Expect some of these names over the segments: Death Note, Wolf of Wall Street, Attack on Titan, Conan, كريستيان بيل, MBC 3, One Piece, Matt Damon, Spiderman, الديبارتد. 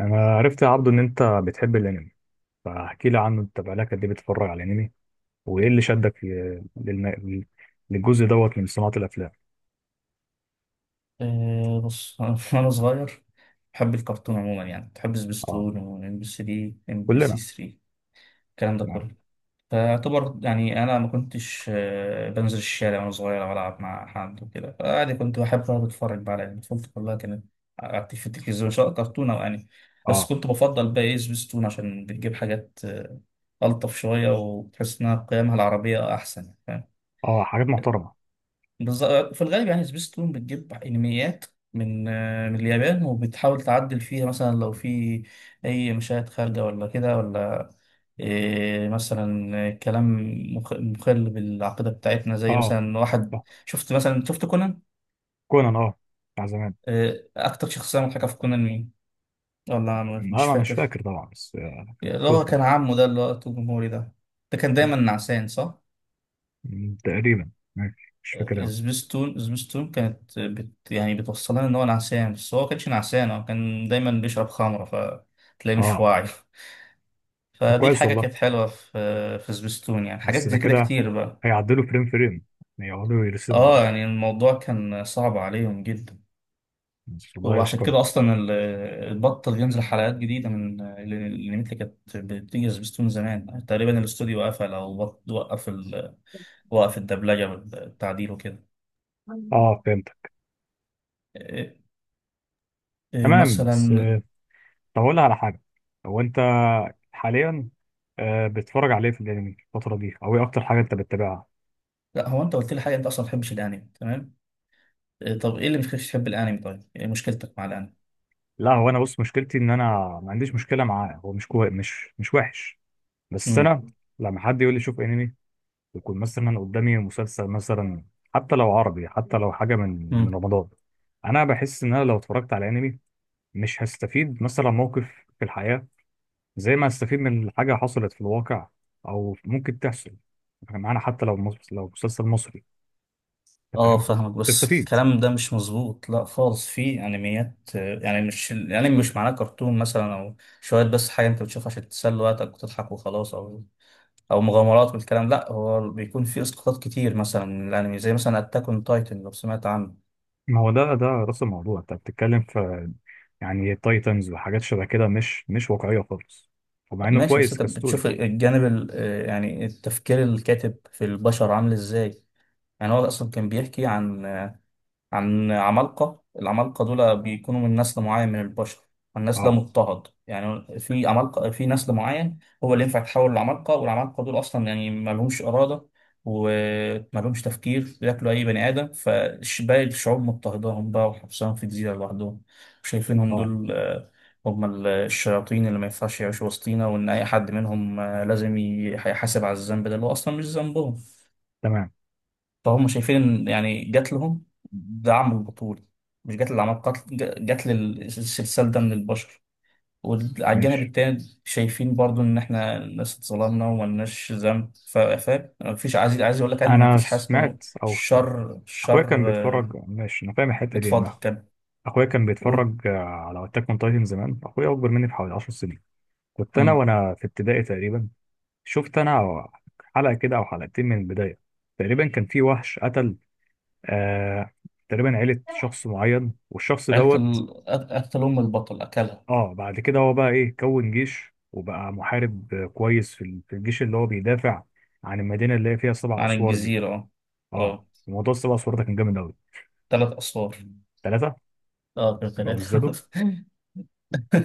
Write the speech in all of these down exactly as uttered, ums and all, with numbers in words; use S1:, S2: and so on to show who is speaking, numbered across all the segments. S1: انا عرفت يا عبدو ان انت بتحب الانمي فاحكي لي عنه انت بقالك قد ايه بتتفرج على الانمي وايه اللي شدك في- للن- للجزء دوت من صناعة الافلام.
S2: أه بص، أنا وأنا صغير بحب الكرتون عموما، يعني بحب
S1: اه
S2: سبيستون وإم بي ثلاثة إم بي سي
S1: كلنا
S2: ثلاثة، الكلام ده
S1: تمام.
S2: كله. فأعتبر يعني أنا ما كنتش أه، بنزل الشارع وأنا صغير أو ألعب مع حد وكده، فعادي كنت بحب أقعد أتفرج بقى على يعني طفولتي كلها كانت. قعدت في التلفزيون سواء كرتون أو أنمي. بس
S1: اه
S2: كنت بفضل بقى إيه سبيستون عشان بتجيب حاجات أه، ألطف شوية وتحس إنها قيمها العربية أحسن.
S1: اه حاجات محترمة.
S2: بالظبط، في الغالب يعني سبيستون بتجيب انميات من آه، من اليابان، وبتحاول تعدل فيها مثلا لو في اي مشاهد خارجه ولا كده، ولا إيه، مثلا كلام مخ- مخل بالعقيده بتاعتنا،
S1: اه
S2: زي مثلا واحد.
S1: آه.
S2: شفت مثلا شفت كونان.
S1: كونان اه بتاع زمان.
S2: إيه، اكتر شخصيه مضحكه في كونان مين؟ ولا أنا
S1: لا
S2: مش
S1: انا مش
S2: فاكر.
S1: فاكر طبعا بس آه، كان
S2: اللي
S1: مكتوب
S2: هو
S1: حلو.
S2: كان عمه ده، اللي هو الجمهوري ده، ده كان دايما
S1: مم.
S2: نعسان صح.
S1: مم، تقريبا ماشي مش فاكر قوي.
S2: سبيستون سبيستون كانت بت يعني بتوصلنا ان هو نعسان، بس هو كانش نعسان، هو كان دايما بيشرب خمرة فتلاقيه مش
S1: اه
S2: واعي.
S1: طب
S2: فدي
S1: كويس
S2: الحاجة
S1: والله.
S2: كانت حلوة في في سبيستون، يعني حاجات
S1: بس ده
S2: زي كده
S1: كده
S2: كتير بقى.
S1: هيعدلوا فريم فريم يقعدوا يرسموا
S2: اه
S1: بقى.
S2: يعني الموضوع كان صعب عليهم جدا.
S1: بس الله
S2: وعشان
S1: يشكرهم.
S2: كده اصلا ال- البطل ينزل حلقات جديده من الانميات اللي كانت بتيجي سبيستون زمان. تقريبا الاستوديو قفل او بط- وقف ال... وقف الدبلجه والتعديل وكده.
S1: اه فهمت.
S2: إيه- إيه
S1: تمام بس
S2: مثلا.
S1: آه، طب أقول لك على حاجة. هو أنت حاليا آه، بتتفرج عليه في الأنمي الفترة دي؟ أو إيه أكتر حاجة أنت بتتابعها؟
S2: لا هو انت قلت لي حاجه، انت اصلا ما بتحبش الانمي، تمام. آه، طب ايه اللي مخليكش تحب الانمي؟ طيب ايه مشكلتك مع الانمي؟
S1: لا هو أنا بص مشكلتي إن أنا ما عنديش مشكلة معاه، هو مش كوي... مش مش وحش. بس
S2: امم
S1: أنا لما حد يقول لي شوف أنمي، يكون مثلا قدامي مسلسل، مثلا حتى لو عربي، حتى لو حاجة من من
S2: امم
S1: رمضان. أنا بحس إن أنا لو اتفرجت على أنمي مش هستفيد مثلا موقف في الحياة زي ما هستفيد من حاجة حصلت في الواقع أو ممكن تحصل معانا، حتى لو مس- لو مسلسل مصري. انت
S2: اه
S1: فاهم.
S2: فاهمك، بس
S1: تستفيد.
S2: الكلام ده مش مظبوط، لا خالص. في انميات آه، يعني مش الانمي مش معناه كرتون مثلا او شويه، بس حاجه انت بتشوفها عشان تسلي وقتك وتضحك وخلاص، او او مغامرات والكلام. لا هو بيكون في اسقاطات كتير مثلا من الانمي، زي مثلا اتاك اون تايتن لو سمعت عنه.
S1: ما هو ده ده راس الموضوع انت بتتكلم في يعني تايتنز وحاجات شبه كده مش مش واقعيه خالص. ومع انه
S2: ماشي، بس
S1: كويس
S2: انت بتشوف
S1: كستوري.
S2: الجانب ال- آه، يعني التفكير، الكاتب في البشر عامل ازاي. يعني هو اصلا كان بيحكي عن عن عمالقة. العمالقة دول بيكونوا من نسل معين من البشر، النسل ده
S1: اه
S2: مضطهد. يعني في عمالقة، في نسل معين هو اللي ينفع يتحول لعمالقة، والعمالقة دول أصلا يعني ما لهمش إرادة وما لهمش تفكير، بياكلوا أي بني آدم. فباقي الشعوب مضطهداهم بقى وحبسهم في جزيرة لوحدهم، شايفينهم
S1: اه
S2: دول آه، هم ال- الشياطين اللي ما ينفعش يعيشوا وسطينا، وإن أي حد منهم آه، لازم يح- يحاسب على الذنب ده اللي هو أصلا مش ذنبهم.
S1: تمام
S2: فهم شايفين ان يعني جات لهم دعم البطول، مش جات للعمل قتل، ج- جات للسلسال ده من البشر. وعلى الجانب
S1: ماشي.
S2: التاني شايفين برضو ان احنا الناس اتظلمنا وملناش ذنب، ف- فاهم، مفيش عايز عايز اقول لك يعني
S1: انا
S2: مفيش حاجه اسمه
S1: سمعت او ك-
S2: شر
S1: اخويا كان
S2: شر
S1: بيتفرج.
S2: آه،
S1: ماشي انا فاهم الحته دي
S2: اتفضل
S1: انها.
S2: كمل.
S1: اخويا كان
S2: قول.
S1: بيتفرج آه، على اتاك اون تايتن زمان. اخويا اكبر مني بحوالي 10 سنين، كنت انا
S2: مم.
S1: وانا في ابتدائي تقريبا. شفت انا حلقه كده او حلقتين من البدايه. تقريبا كان في وحش قتل آه تقريبا عيلة شخص معين، والشخص
S2: عيلة
S1: دوت
S2: ال... أك- أكل أم البطل أكلها.
S1: اه بعد كده هو بقى ايه كون جيش وبقى محارب آه، كويس في ال- في الجيش، اللي هو بيدافع عن المدينة اللي هي فيها سبع
S2: عن
S1: أسوار دي.
S2: الجزيرة، اه.
S1: اه
S2: اه،
S1: موضوع السبع أسوار ده كان جامد أوي.
S2: تلات أسوار.
S1: ثلاثة.
S2: اه كان
S1: ما هم
S2: تلاتة.
S1: ازدادوا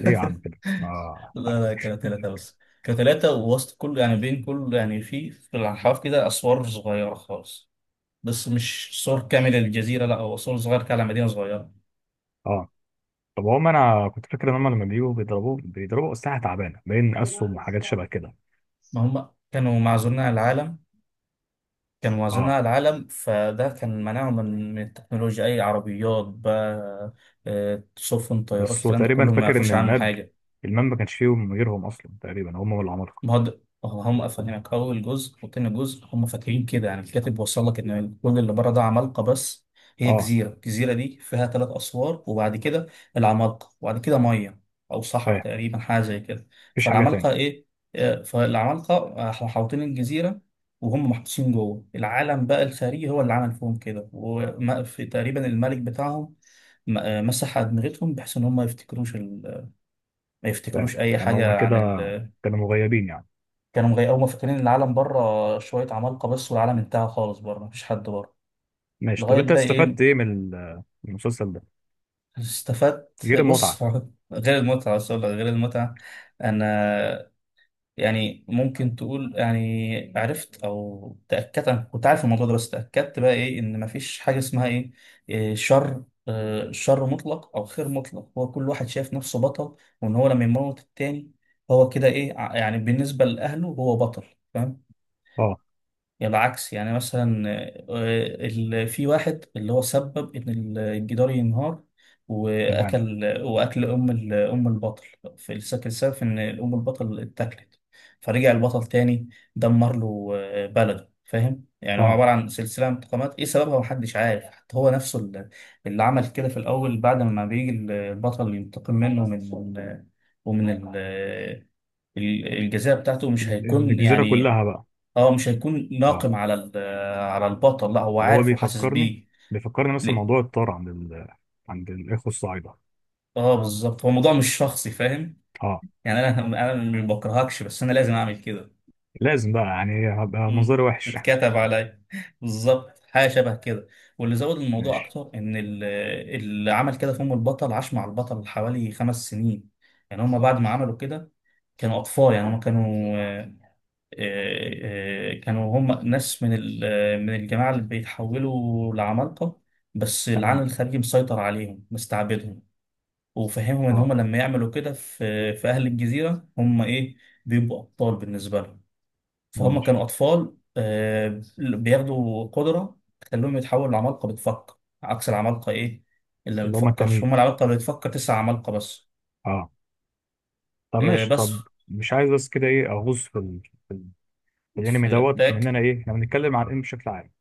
S1: ليه يا عم كده؟ اه
S2: لا لا كانوا ثلاثة، بس كانوا ثلاثة ووسط كل يعني بين كل يعني في في الأحواف كده أسوار صغيرة خالص. بس مش صور كاملة للجزيرة، لا هو صور صغيرة كده على مدينة صغيرة.
S1: اه طب هم انا كنت فاكر ان هم لما بيجوا بيضربوا بيضربوا أسلحة تعبانة، باين أسهم وحاجات شبه كده.
S2: ما هم كانوا معزولين عن العالم، كانوا معزولين
S1: اه
S2: عن العالم، فده كان منعهم من من التكنولوجيا. أي عربيات بقى، آه، سفن، طيارات،
S1: بس هو
S2: الكلام ده
S1: تقريبا
S2: كله ما
S1: فاكر ان
S2: يعرفوش عنه
S1: الماب
S2: حاجة.
S1: الماب ما كانش فيهم غيرهم اصلا تقريبا، هم والعمالقة.
S2: ما هو ده- هم افهمك، اول جزء وتاني جزء هم فاكرين كده. يعني الكاتب وصل لك ان كل اللي بره ده عمالقه بس، هي
S1: اه
S2: جزيره، الجزيره دي فيها ثلاث اسوار، وبعد كده العمالقه، وبعد كده ميه او صحراء
S1: فاهم.
S2: تقريبا حاجه زي كده.
S1: مفيش حاجة تاني.
S2: فالعمالقه ايه، آه، فالعمالقه آه، محاوطين الجزيره، وهم محبوسين جوه. العالم بقى الخارجي هو اللي عمل فيهم كده، وفي تقريبا الملك بتاعهم م- آه، مسح ادمغتهم بحيث ان هم ما يفتكروش ال... ما
S1: فاهم
S2: يفتكروش اي
S1: يعني هم
S2: حاجه
S1: كده
S2: عن.
S1: كانوا مغيبين يعني.
S2: كانوا مغيقوا فاكرين إن العالم بره شوية عمالقة بس، والعالم انتهى خالص بره، مفيش حد بره.
S1: ماشي طب
S2: لغاية
S1: انت
S2: بقى
S1: استفدت
S2: إيه.
S1: ايه من ال- من المسلسل ده
S2: استفدت،
S1: غير
S2: بص،
S1: المتعة؟
S2: غير المتعة بس أقول لك، غير المتعة. أنا يعني ممكن تقول يعني عرفت أو تأكدت، أنا كنت عارف الموضوع ده بس تأكدت بقى إيه، إن مفيش حاجة اسمها إيه إيه، شر آه، شر مطلق أو خير مطلق. هو كل واحد شايف نفسه بطل، وإن هو لما يموت التاني هو كده إيه ع- يعني بالنسبة لأهله هو بطل، فاهم؟
S1: اه
S2: يعني العكس يعني مثلا آه، ال- في واحد اللي هو سبب ان ال- الجدار ينهار،
S1: تمام.
S2: واكل واكل ام ال- ام البطل. في السك- السبب ان ام البطل اتاكلت، فرجع البطل تاني دمر له آه، بلده. فاهم يعني هو
S1: اه
S2: عباره عن سلسله من انتقامات، ايه سببها محدش عارف، حتى هو نفسه اللي اللي عمل كده في الاول. بعد ما بيجي البطل ينتقم منه، من ومن ال- ال- الجزاء بتاعته مش
S1: ال-
S2: هيكون
S1: الجزيرة
S2: يعني.
S1: كلها بقى.
S2: اه مش هيكون
S1: اه
S2: ناقم على ال- على البطل، لا هو
S1: هو
S2: عارف وحاسس
S1: بيفكرني
S2: بيه.
S1: بيفكرني مثلا
S2: ليه،
S1: موضوع الطار عند ال... عند الاخوة الصعيدة.
S2: اه بالظبط، هو الموضوع مش شخصي، فاهم.
S1: اه
S2: يعني انا انا ما بكرهكش، بس انا لازم اعمل كده.
S1: لازم بقى يعني هبقى منظري
S2: امم،
S1: وحش.
S2: اتكتب عليا، بالظبط حاجه شبه كده. واللي زود الموضوع
S1: ماشي.
S2: اكتر ان ال- اللي عمل كده في ام البطل عاش مع البطل حوالي خمس سنين. يعني هم بعد ما عملوا كده كانوا اطفال، يعني هم كانوا آه، آه، كانوا هم ناس من ال- من الجماعة اللي بيتحولوا لعمالقة، بس العالم
S1: تمام.
S2: الخارجي مسيطر عليهم مستعبدهم. وفهمهم ان
S1: اه
S2: هم لما يعملوا كده في في اهل الجزيرة هم ايه، بيبقوا ابطال بالنسبة لهم. فهم
S1: ماشي.
S2: كانوا اطفال آه، بياخدوا قدرة تخليهم يتحولوا لعمالقة بتفكر، عكس العمالقة ايه اللي ما
S1: اللي هما
S2: بتفكرش،
S1: التانيين.
S2: هم العمالقة اللي بتفكر تسع عمالقة بس.
S1: اه طب
S2: آه،
S1: ماشي، طب
S2: بس
S1: مش عايز بس كده ايه اغوص في ال... في ال- في الانمي
S2: في
S1: دوت من
S2: اتاك،
S1: انا ايه، احنا بنتكلم عن الانمي بشكل عام.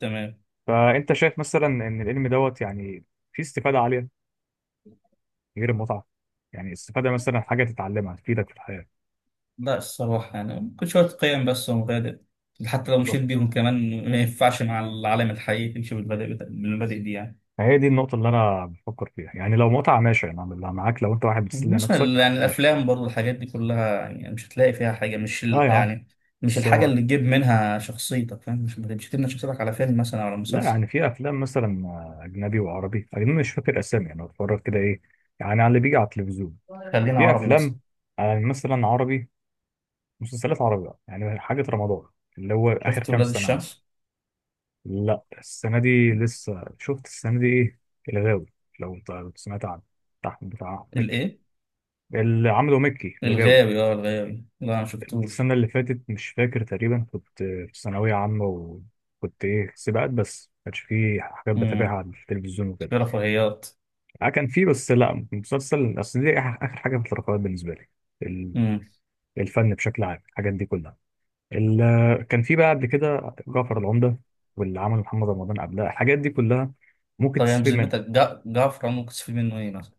S2: تمام.
S1: فانت شايف مثلا ان العلم دوت يعني فيه استفاده عاليه غير المتعه؟ يعني استفاده مثلا حاجه تتعلمها تفيدك في الحياه.
S2: لا الصراحة يعني كل شوية قيم بس ومبادئ، حتى لو مشيت
S1: بالظبط.
S2: بيهم كمان ما ينفعش مع العالم الحقيقي تمشي بالمبادئ بتا- بالمبادئ دي يعني.
S1: فهي دي النقطه اللي انا بفكر فيها، يعني لو متعه ماشي انا أعملها معاك، لو انت واحد بتسلي
S2: مثلا
S1: نفسك
S2: يعني
S1: ماشي.
S2: الأفلام برضو الحاجات دي كلها، يعني مش هتلاقي فيها حاجة مش
S1: لا
S2: ال-
S1: يا عم.
S2: يعني مش الحاجة
S1: سوا.
S2: اللي تجيب منها شخصيتك، فاهم، مش مش تبني شخصيتك على فيلم مثلا أو على
S1: لا
S2: مسلسل.
S1: يعني في افلام مثلا آه، اجنبي وعربي، اجنبي مش فاكر اسامي، انا بتفرج كده ايه يعني، على اللي بيجي على التلفزيون.
S2: خلينا
S1: في
S2: عربي مثلا،
S1: افلام آه، مثلا عربي، مسلسلات عربي بقى، يعني حاجه رمضان اللي هو اخر
S2: شفت
S1: كام
S2: ولاد
S1: سنه مثلا.
S2: الشمس؟
S1: لا السنة دي لسه. شفت السنة دي إيه؟ الغاوي، لو أنت كنت سمعت عنه، بتاع بتاع مكي
S2: الإيه؟
S1: اللي عمله مكي اللي جاوي.
S2: الغاوي؟ اه الغاوي، لا ما شفتوش.
S1: السنة اللي فاتت مش فاكر، تقريبا كنت في ثانوية عامة، وكنت إيه سباقات بس ما كانش فيه حاجات بتابعها
S2: امم،
S1: على التلفزيون وكده.
S2: في رفاهيات.
S1: آه، كان فيه بس لا مسلسل، أصل دي آخر آخر حاجة في الرقابات بالنسبة لي، ال-
S2: امم،
S1: الفن بشكل عام الحاجات دي كلها. ال- كان فيه بقى قبل كده جعفر العمدة واللي عمله محمد رمضان قبلها، الحاجات دي كلها ممكن
S2: طب يعني
S1: تستفيد
S2: بذمتك
S1: منها.
S2: جع- جعفر عمر كنت تستفيد منه إيه مثلا؟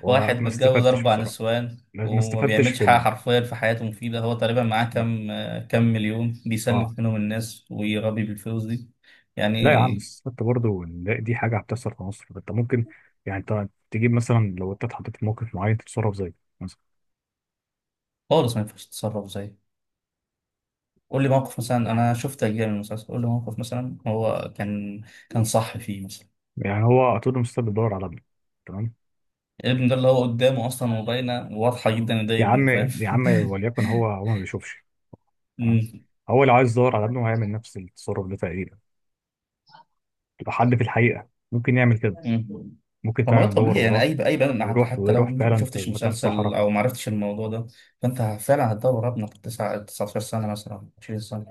S1: وما
S2: واحد متجوز
S1: استفدتش
S2: أربع
S1: بصراحة.
S2: نسوان
S1: لا- ما
S2: وما
S1: استفدتش
S2: بيعملش
S1: في
S2: حاجة
S1: ال...
S2: حرفيا في حياته مفيدة، هو تقريبا معاه
S1: مم.
S2: كام آه، كام مليون
S1: اه
S2: بيسلف منهم الناس ويربي بالفلوس دي،
S1: لا يا عم
S2: يعني.
S1: بس استفدت برضه ان لا- دي حاجة هتحصل في مصر، انت ممكن يعني انت تجيب مثلا، لو انت اتحطيت في موقف معين تتصرف زيه مثلا.
S2: خالص ما ينفعش تتصرف زيه. قول لي موقف مثلا، أنا شفت أجزاء من المسلسل، قول لي موقف مثلا هو كان، كان صح فيه مثلا.
S1: يعني هو طول المستقبل بيدور على ابنه. تمام.
S2: الابن ده اللي هو قدامه أصلا، وباينة وواضحة جدا إن ده
S1: يا
S2: ابنه،
S1: عم
S2: فاهم.
S1: يا عم وليكن، هو هو ما بيشوفش. تمام. هو لو عايز يدور على ابنه هيعمل نفس التصرف ده تقريبا، لو حد في الحقيقة ممكن يعمل كده.
S2: مم.
S1: ممكن
S2: طب ما
S1: فعلا
S2: ده
S1: يدور
S2: طبيعي يعني
S1: وراه.
S2: اي اي بني آدم، حتى
S1: ويروح
S2: حتى لو
S1: ويروح
S2: ما
S1: فعلا في
S2: شفتش
S1: مكان
S2: مسلسل
S1: الصحراء.
S2: او ما عرفتش الموضوع ده، فانت فعلا هتدور ابنك تسعة تسعة عشر سنه مثلا عشرين سنه،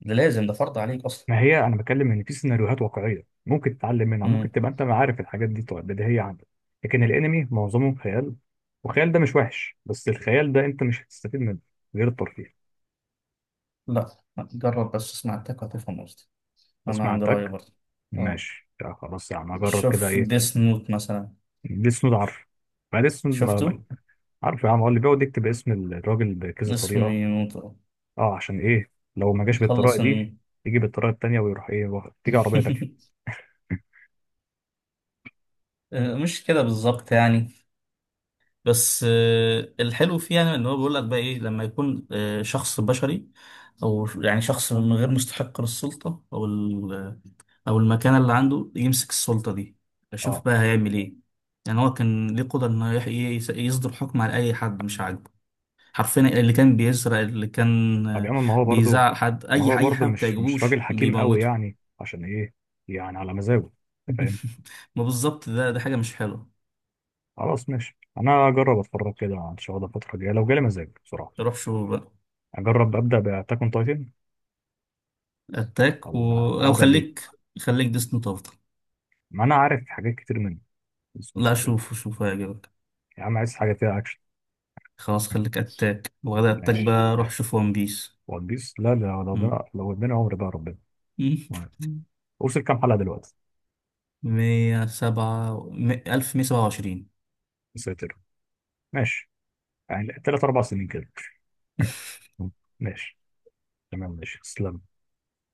S2: ده لازم، ده فرض عليك اصلا.
S1: ما هي انا بتكلم ان في سيناريوهات واقعيه ممكن تتعلم منها، ممكن
S2: مم.
S1: تبقى انت عارف الحاجات دي طو- بديهيه عندك. لكن الانمي معظمه خيال، والخيال ده مش وحش، بس الخيال ده انت مش هتستفيد منه غير الترفيه.
S2: لا جرب بس اسمع التك وهتفهم قصدي، انا
S1: اسمع
S2: عندي راي
S1: تك
S2: برضه. اه
S1: ماشي، يا خلاص يا عم اجرب كده
S2: شوف
S1: ايه.
S2: ديس نوت مثلا.
S1: ديس نوت عارف. ما ديس نوت ما... ما-
S2: شفته.
S1: عارف يا عم، هو اللي بيقعد يكتب اسم الراجل بكذا
S2: اسمه
S1: طريقه.
S2: نوت، آه.
S1: اه عشان ايه، لو ما جاش بالطريقه
S2: يخلص
S1: دي
S2: إن...
S1: يجي بالطريقه التانيه، ويروح ايه واخد- تيجي عربيه تاكله.
S2: مش كده بالظبط يعني، بس آه، الحلو فيه يعني ان هو بيقول لك بقى ايه، لما يكون آه، شخص بشري، او يعني شخص من غير مستحق للسلطه او ال- آه، او المكانه اللي عنده يمسك السلطه دي، اشوف
S1: اه
S2: بقى هيعمل ايه. يعني هو كان ليه قدره انه يح- يس- يصدر حكم على اي حد مش عاجبه، حرفيا اللي كان بيسرق، اللي كان
S1: طب يا
S2: آه،
S1: عم ما هو برضه،
S2: بيزعل حد،
S1: ما
S2: اي
S1: هو
S2: اي حاجه
S1: برضه
S2: ما
S1: مش مش راجل
S2: بتعجبوش
S1: حكيم قوي،
S2: بيموته.
S1: يعني عشان ايه يعني على مزاجه. انت فاهم.
S2: ما بالظبط، ده ده حاجه مش حلوه.
S1: خلاص ماشي انا اجرب اتفرج كده ان شاء الله الفتره الجايه لو جالي مزاج بصراحه.
S2: روح شوف بقى
S1: اجرب ابدا باتاك اون تايتن
S2: اتاك و...
S1: ولا
S2: او
S1: ابدا بايه؟
S2: خليك، خليك ديسني.
S1: ما انا عارف حاجات كتير منه. بسم الله
S2: لا
S1: الرحمن الرحيم.
S2: شوفه، شوفه هيعجبك.
S1: يا عم عايز حاجه فيها اكشن.
S2: خلاص خليك اتاك، وغدا اتاك
S1: ماشي.
S2: بقى روح شوف ون بيس.
S1: ون بيس لا لا، لو
S2: مم.
S1: ده لو اداني عمر بقى ربنا. تمام. وصل كام حلقه دلوقتي؟
S2: مية سبعة، ألف مية سبعة وعشرين.
S1: يا ساتر. ماشي. يعني ثلاث اربع سنين كده. ماشي تمام ماشي تسلم.